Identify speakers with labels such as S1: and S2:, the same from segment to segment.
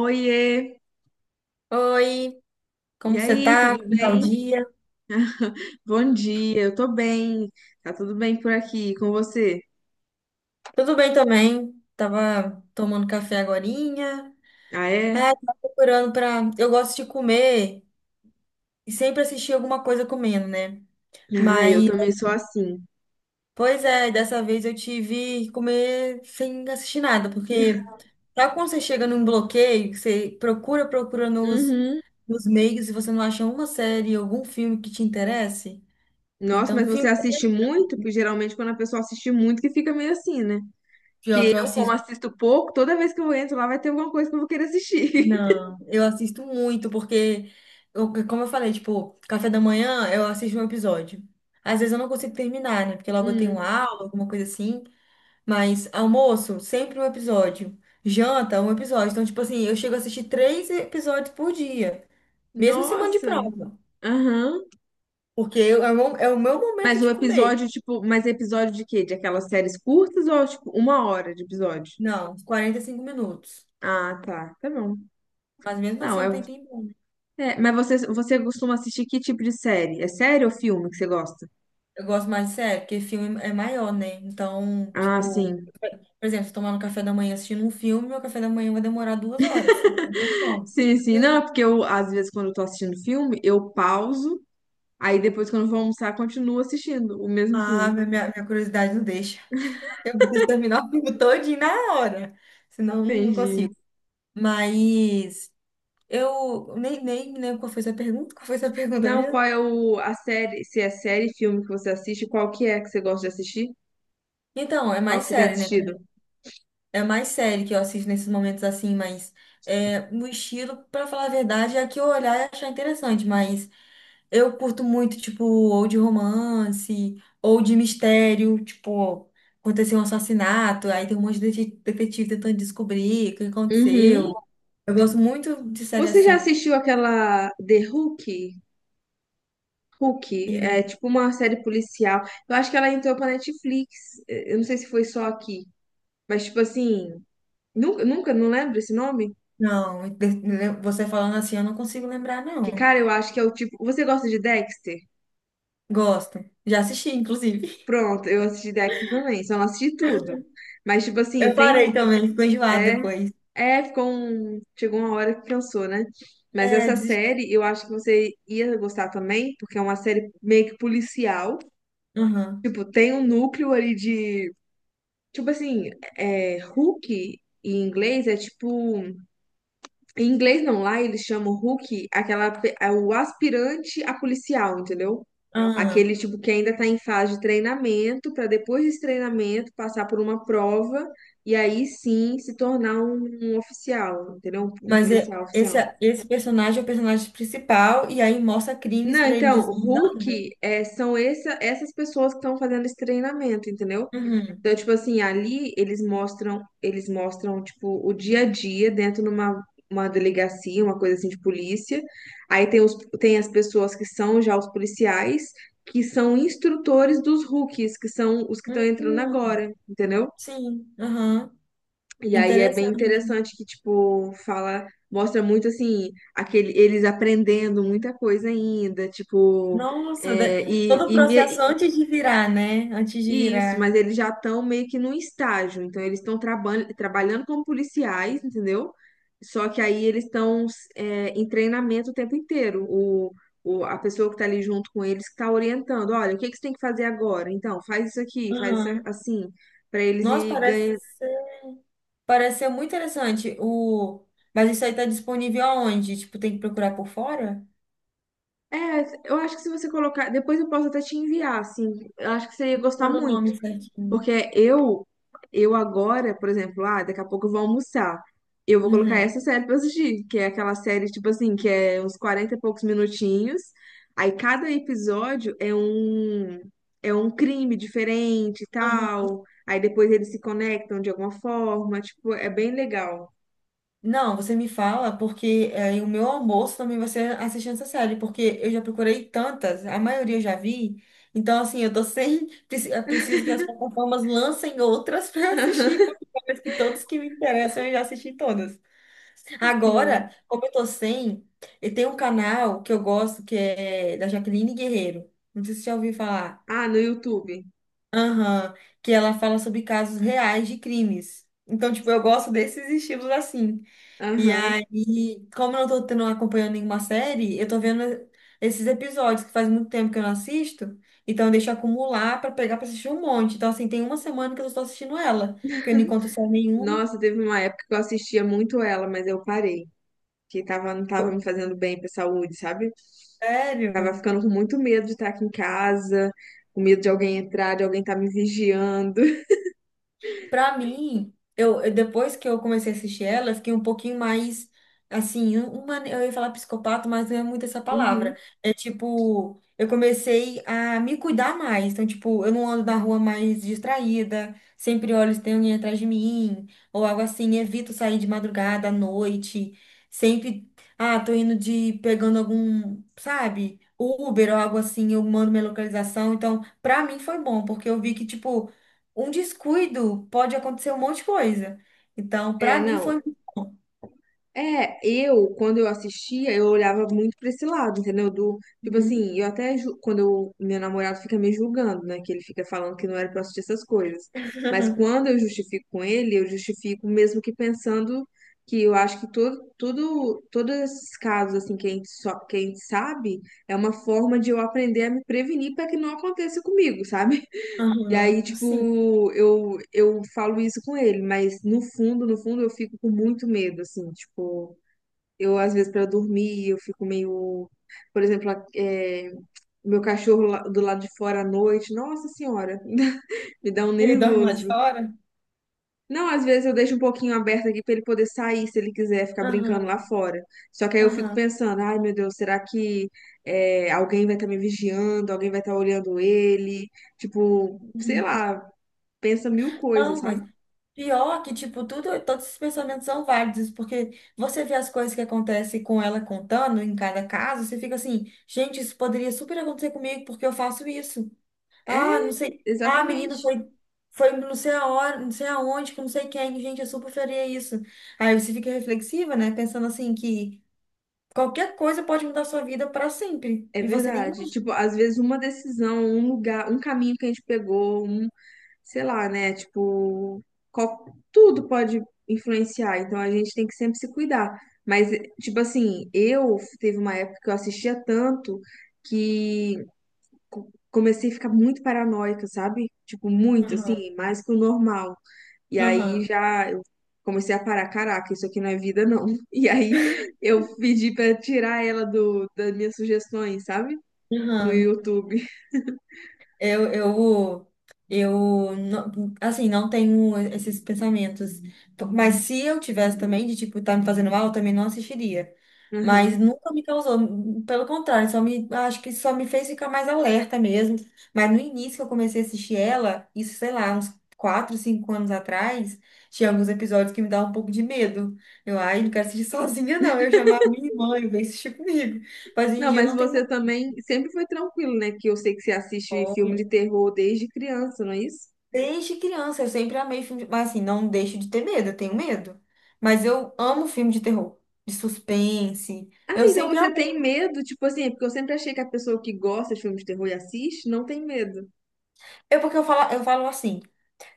S1: Oiê!
S2: Oi,
S1: E
S2: como você
S1: aí,
S2: tá?
S1: tudo
S2: Como tá o
S1: bem?
S2: dia?
S1: Bom dia, eu tô bem. Tá tudo bem por aqui com você?
S2: Tudo bem também. Tava tomando café agorinha.
S1: Ah, é?
S2: É, tava procurando pra... Eu gosto de comer e sempre assistir alguma coisa comendo, né?
S1: Ah, eu
S2: Mas,
S1: também sou assim.
S2: pois é, dessa vez eu tive que comer sem assistir nada, porque sabe quando você chega num bloqueio, que você procura, procura nos,
S1: Uhum.
S2: nos meios e você não acha uma série, algum filme que te interesse?
S1: Nossa,
S2: Então,
S1: mas você
S2: filme
S1: assiste muito? Porque geralmente quando a pessoa assiste muito que fica meio assim, né?
S2: pior
S1: Que
S2: que eu
S1: eu, como
S2: assisto.
S1: assisto pouco, toda vez que eu entro lá vai ter alguma coisa que eu vou querer assistir.
S2: Não, eu assisto muito, porque, como eu falei, tipo, café da manhã eu assisto um episódio. Às vezes eu não consigo terminar, né? Porque logo eu tenho
S1: Hum.
S2: aula, alguma coisa assim. Mas almoço, sempre um episódio. Janta, um episódio. Então, tipo assim, eu chego a assistir três episódios por dia, mesmo em semana de
S1: Nossa!
S2: prova.
S1: Aham.
S2: Porque é o meu momento
S1: Mas o
S2: de comer.
S1: episódio, tipo, mas episódio de quê? De aquelas séries curtas ou, tipo, 1 hora de episódio?
S2: Não, uns 45 minutos.
S1: Ah, tá. Tá bom.
S2: Mas mesmo
S1: Não,
S2: assim é
S1: é
S2: um tempinho bom.
S1: É, mas você costuma assistir que tipo de série? É série ou filme que você gosta?
S2: Eu gosto mais de série, porque filme é maior, né? Então,
S1: Ah,
S2: tipo.
S1: sim.
S2: Por exemplo, se tomar no café da manhã assistindo um filme, meu café da manhã vai demorar duas horas. Não tem como.
S1: Sim, sim. Não, é porque eu, às vezes, quando eu tô assistindo filme, eu pauso, aí depois, quando eu vou almoçar, continuo assistindo o mesmo
S2: Ah,
S1: filme.
S2: minha curiosidade não deixa. Eu preciso terminar o filme todinho na hora. Senão eu não
S1: Entendi.
S2: consigo. Mas eu nem lembro qual foi sua pergunta. Qual foi sua pergunta
S1: Não, qual
S2: mesmo?
S1: é o, a série, se é série, filme que você assiste, qual que é que você gosta de assistir?
S2: Então, é
S1: Qual
S2: mais
S1: que você tem
S2: sério, né?
S1: assistido?
S2: É mais sério que eu assisto nesses momentos assim, mas é, o estilo, pra falar a verdade, é a que eu olhar e achar interessante, mas eu curto muito, tipo, ou de romance, ou de mistério, tipo, aconteceu um assassinato, aí tem um monte de detetive tentando descobrir o que
S1: Uhum.
S2: aconteceu. Eu gosto muito de série
S1: Você já
S2: assim.
S1: assistiu aquela The Hook? Hook é
S2: E,
S1: tipo uma série policial. Eu acho que ela entrou pra Netflix. Eu não sei se foi só aqui. Mas, tipo assim, nunca, nunca, não lembro esse nome?
S2: não, você falando assim, eu não consigo lembrar,
S1: Que,
S2: não.
S1: cara, eu acho que é o tipo. Você gosta de Dexter?
S2: Gosto. Já assisti, inclusive.
S1: Pronto, eu assisti Dexter também, só não assisti tudo. Mas, tipo assim,
S2: Eu
S1: tem um.
S2: parei também, ficou enjoado
S1: É,
S2: depois.
S1: é, ficou um. Chegou uma hora que cansou, né? Mas
S2: É,
S1: essa
S2: desisti.
S1: série eu acho que você ia gostar também, porque é uma série meio que policial.
S2: Aham.
S1: Tipo, tem um núcleo ali de. Tipo assim, é, Hook em inglês é tipo. Em inglês não, lá eles chamam Rookie, aquela, é o aspirante a policial, entendeu?
S2: Aham.
S1: Aquele tipo que ainda está em fase de treinamento, para depois desse treinamento passar por uma prova e aí sim se tornar um oficial, entendeu? Um
S2: Mas
S1: policial
S2: esse,
S1: oficial.
S2: esse personagem é o personagem principal, e aí mostra crimes
S1: Não,
S2: pra ele
S1: então,
S2: desvendando.
S1: Rookie é, são essas pessoas que estão fazendo esse treinamento, entendeu?
S2: Uhum.
S1: Então, tipo assim, ali eles mostram, tipo, o dia a dia dentro numa uma delegacia, uma coisa assim de polícia. Aí tem as pessoas que são já os policiais, que são instrutores dos rookies, que são os que estão entrando
S2: Hum,
S1: agora, entendeu?
S2: sim, aham.
S1: E aí é bem
S2: Interessante.
S1: interessante que, tipo, fala, mostra muito assim, aquele, eles aprendendo muita coisa ainda,
S2: Nossa,
S1: é, e,
S2: todo o
S1: e, me-
S2: processo antes de virar, né? Antes de
S1: Isso,
S2: virar.
S1: mas eles já estão meio que num estágio, então eles estão trabalhando como policiais, entendeu? Só que aí eles estão em treinamento o tempo inteiro. A pessoa que está ali junto com eles que está orientando, olha, o que que você tem que fazer agora? Então, faz isso aqui, faz isso
S2: Aham.
S1: assim, para eles
S2: Nossa,
S1: ir ganhando.
S2: parece ser muito interessante. O... Mas isso aí tá disponível aonde? Tipo, tem que procurar por fora?
S1: É, eu acho que se você colocar, depois eu posso até te enviar, assim, eu acho que você ia gostar
S2: Manda o
S1: muito.
S2: nome certinho.
S1: Porque eu agora, por exemplo, ah, daqui a pouco eu vou almoçar. Eu vou colocar
S2: Uhum.
S1: essa série pra assistir, que é aquela série, tipo assim, que é uns 40 e poucos minutinhos. Aí cada episódio é um crime diferente e tal. Aí depois eles se conectam de alguma forma. Tipo, é bem legal.
S2: Não, você me fala, porque aí o meu almoço também vai ser assistindo essa série, porque eu já procurei tantas, a maioria eu já vi. Então, assim, eu tô sem. Eu preciso que as plataformas lancem outras para assistir, porque parece que todos que me interessam eu já assisti todas.
S1: Sim.
S2: Agora, como eu tô sem, e tem um canal que eu gosto que é da Jaqueline Guerreiro. Não sei se você já ouviu falar.
S1: Ah, no YouTube.
S2: Aham, que ela fala sobre casos reais de crimes. Então, tipo, eu gosto desses estilos assim. E
S1: Aham.
S2: aí, como eu não tô tendo, acompanhando nenhuma série, eu tô vendo esses episódios que faz muito tempo que eu não assisto, então eu deixo acumular pra pegar pra assistir um monte. Então, assim, tem uma semana que eu só tô assistindo ela, porque eu não encontro série nenhuma.
S1: Nossa, teve uma época que eu assistia muito ela, mas eu parei. Que tava, não tava me fazendo bem pra saúde, sabe?
S2: Sério?
S1: Tava ficando com muito medo de estar aqui em casa, com medo de alguém entrar, de alguém estar me vigiando.
S2: Pra mim, depois que eu comecei a assistir ela, eu fiquei um pouquinho mais assim, eu ia falar psicopata, mas não é muito essa palavra.
S1: Uhum.
S2: É tipo, eu comecei a me cuidar mais. Então, tipo, eu não ando na rua mais distraída, sempre olho se tem alguém atrás de mim, ou algo assim, evito sair de madrugada à noite, sempre, ah, tô indo de pegando algum, sabe? Uber ou algo assim, eu mando minha localização. Então, pra mim foi bom, porque eu vi que, tipo, um descuido pode acontecer um monte de coisa. Então,
S1: É,
S2: pra mim
S1: não.
S2: foi muito bom.
S1: É, eu, quando eu assistia, eu olhava muito pra esse lado, entendeu? Do, tipo
S2: Uhum.
S1: assim, eu até, quando eu, meu namorado fica me julgando, né? Que ele fica falando que não era pra eu assistir essas coisas. Mas quando eu justifico com ele, eu justifico mesmo que pensando que eu acho que todo, tudo, todos esses casos, assim, que a gente, só, que a gente sabe, é uma forma de eu aprender a me prevenir para que não aconteça comigo, sabe? E
S2: Aham,
S1: aí,
S2: sim.
S1: tipo, eu falo isso com ele, mas no fundo, no fundo, eu fico com muito medo, assim, tipo, eu às vezes para dormir, eu fico meio, por exemplo, meu cachorro do lado de fora à noite, nossa senhora, me dá um
S2: Ele dorme lá de
S1: nervoso.
S2: fora?
S1: Não, às vezes eu deixo um pouquinho aberto aqui para ele poder sair, se ele quiser ficar brincando
S2: Aham,
S1: lá fora. Só que aí eu fico
S2: aham.
S1: pensando, ai meu Deus, será que alguém vai estar me vigiando, alguém vai estar olhando ele? Tipo, sei
S2: Uhum.
S1: lá, pensa mil coisas,
S2: Não,
S1: sabe?
S2: mas pior que, tipo, tudo, todos esses pensamentos são válidos, porque você vê as coisas que acontecem com ela contando em cada caso, você fica assim, gente, isso poderia super acontecer comigo porque eu faço isso. Ah, não
S1: É,
S2: sei. Ah, a menina
S1: exatamente.
S2: foi, foi não sei aonde, não sei aonde, com não sei quem. Gente, eu super faria isso. Aí você fica reflexiva, né? Pensando assim que qualquer coisa pode mudar sua vida para sempre.
S1: É
S2: E você nem
S1: verdade. Tipo,
S2: imagina.
S1: às vezes uma decisão, um lugar, um caminho que a gente pegou, um, sei lá, né? Tipo, qual- tudo pode influenciar. Então a gente tem que sempre se cuidar. Mas, tipo assim, eu teve uma época que eu assistia tanto que comecei a ficar muito paranoica, sabe? Tipo, muito,
S2: Aham,
S1: assim, mais que o normal. E aí
S2: aham,
S1: já eu comecei a parar, caraca, isso aqui não é vida, não. E aí eu pedi pra tirar ela do, das minhas sugestões, sabe? No
S2: aham.
S1: YouTube.
S2: Eu, eu, eu, não- assim, não tenho esses pensamentos. Mas se eu tivesse também, de tipo, tá me fazendo mal, eu também não assistiria. Mas
S1: Aham.
S2: nunca me causou. Pelo contrário, só me, acho que só me fez ficar mais alerta mesmo. Mas no início que eu comecei a assistir ela, isso, sei lá, uns 4 ou 5 anos atrás, tinha alguns episódios que me davam um pouco de medo. Eu, ai, não quero assistir sozinha, não. Eu chamava minha irmã, eu veio assistir comigo. Mas hoje em
S1: Não,
S2: dia eu
S1: mas
S2: não
S1: você
S2: tenho
S1: também sempre foi tranquilo, né? Que eu sei que você assiste filme
S2: mais.
S1: de terror desde criança, não é isso?
S2: Desde criança, eu sempre amei filme de... Mas assim, não deixo de ter medo, eu tenho medo. Mas eu amo filme de terror, de suspense.
S1: Ah,
S2: Eu
S1: então
S2: sempre
S1: você
S2: amei.
S1: tem medo, tipo assim, é porque eu sempre achei que a pessoa que gosta de filmes de terror e assiste não tem medo.
S2: É porque eu falo assim,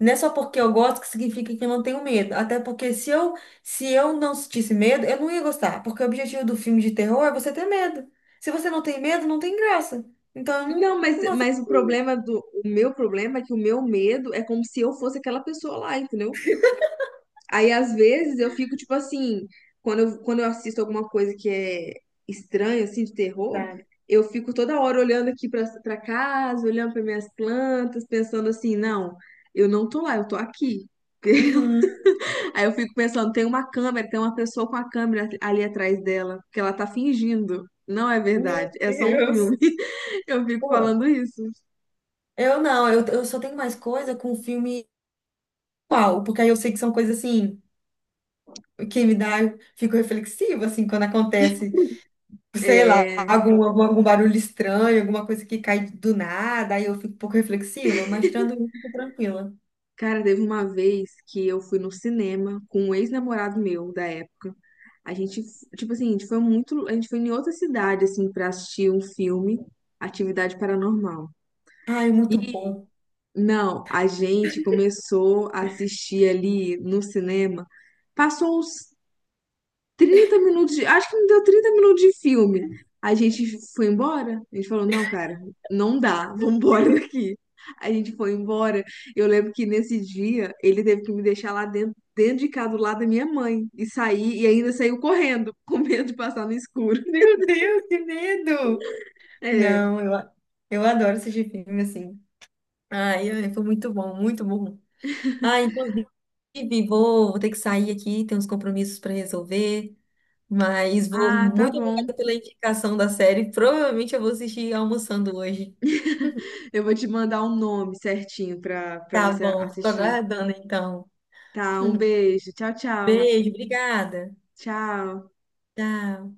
S2: não é só porque eu gosto que significa que eu não tenho medo. Até porque se eu não sentisse medo, eu não ia gostar. Porque o objetivo do filme de terror é você ter medo. Se você não tem medo, não tem graça. Então, eu não,
S1: Não, mas,
S2: não
S1: mas
S2: aceito
S1: o
S2: isso.
S1: problema do, o meu problema é que o meu medo é como se eu fosse aquela pessoa lá, entendeu? Aí, às vezes, eu fico, tipo assim, quando eu assisto alguma coisa que é estranha, assim, de terror,
S2: Sabe?
S1: eu fico toda hora olhando aqui pra casa, olhando para minhas plantas, pensando assim, não, eu não tô lá, eu tô aqui.
S2: Uhum.
S1: Aí eu fico pensando, tem uma câmera, tem uma pessoa com a câmera ali atrás dela, que ela tá fingindo. Não é
S2: Meu
S1: verdade, é só um
S2: Deus.
S1: filme. Eu fico
S2: Pô,
S1: falando isso.
S2: eu não, eu só tenho mais coisa com filme. Qual, porque aí eu sei que são coisas assim que me dá, eu fico reflexiva assim quando acontece, sei lá,
S1: é
S2: algum barulho estranho, alguma coisa que cai do nada, aí eu fico um pouco reflexiva, mas tirando isso, eu tô tranquila.
S1: Cara, teve uma vez que eu fui no cinema com um ex-namorado meu da época. A gente, tipo assim, a gente foi muito, a gente foi em outra cidade assim pra assistir um filme, Atividade Paranormal.
S2: Ai, muito
S1: E
S2: bom.
S1: não, a gente começou a assistir ali no cinema. Passou uns 30 minutos de, acho que não deu 30 minutos de filme. A gente foi embora, a gente falou, não, cara, não dá, vamos embora daqui. A gente foi embora. Eu lembro que nesse dia ele teve que me deixar lá dentro, dentro de casa, do lado da minha mãe, e sair, e ainda saiu correndo, com medo de passar no escuro.
S2: Meu Deus, que medo!
S1: É,
S2: Não, eu adoro assistir filme assim. Ai, ai, foi muito bom, muito bom. Ai, inclusive, vou ter que sair aqui, tem uns compromissos para resolver. Mas vou
S1: ah, tá
S2: muito
S1: bom.
S2: obrigada pela indicação da série. Provavelmente eu vou assistir almoçando hoje.
S1: Eu vou te mandar o nome certinho pra
S2: Tá
S1: você
S2: bom, fico
S1: assistir.
S2: aguardando então.
S1: Tá, um beijo. Tchau, tchau.
S2: Beijo, obrigada.
S1: Tchau.
S2: Tchau.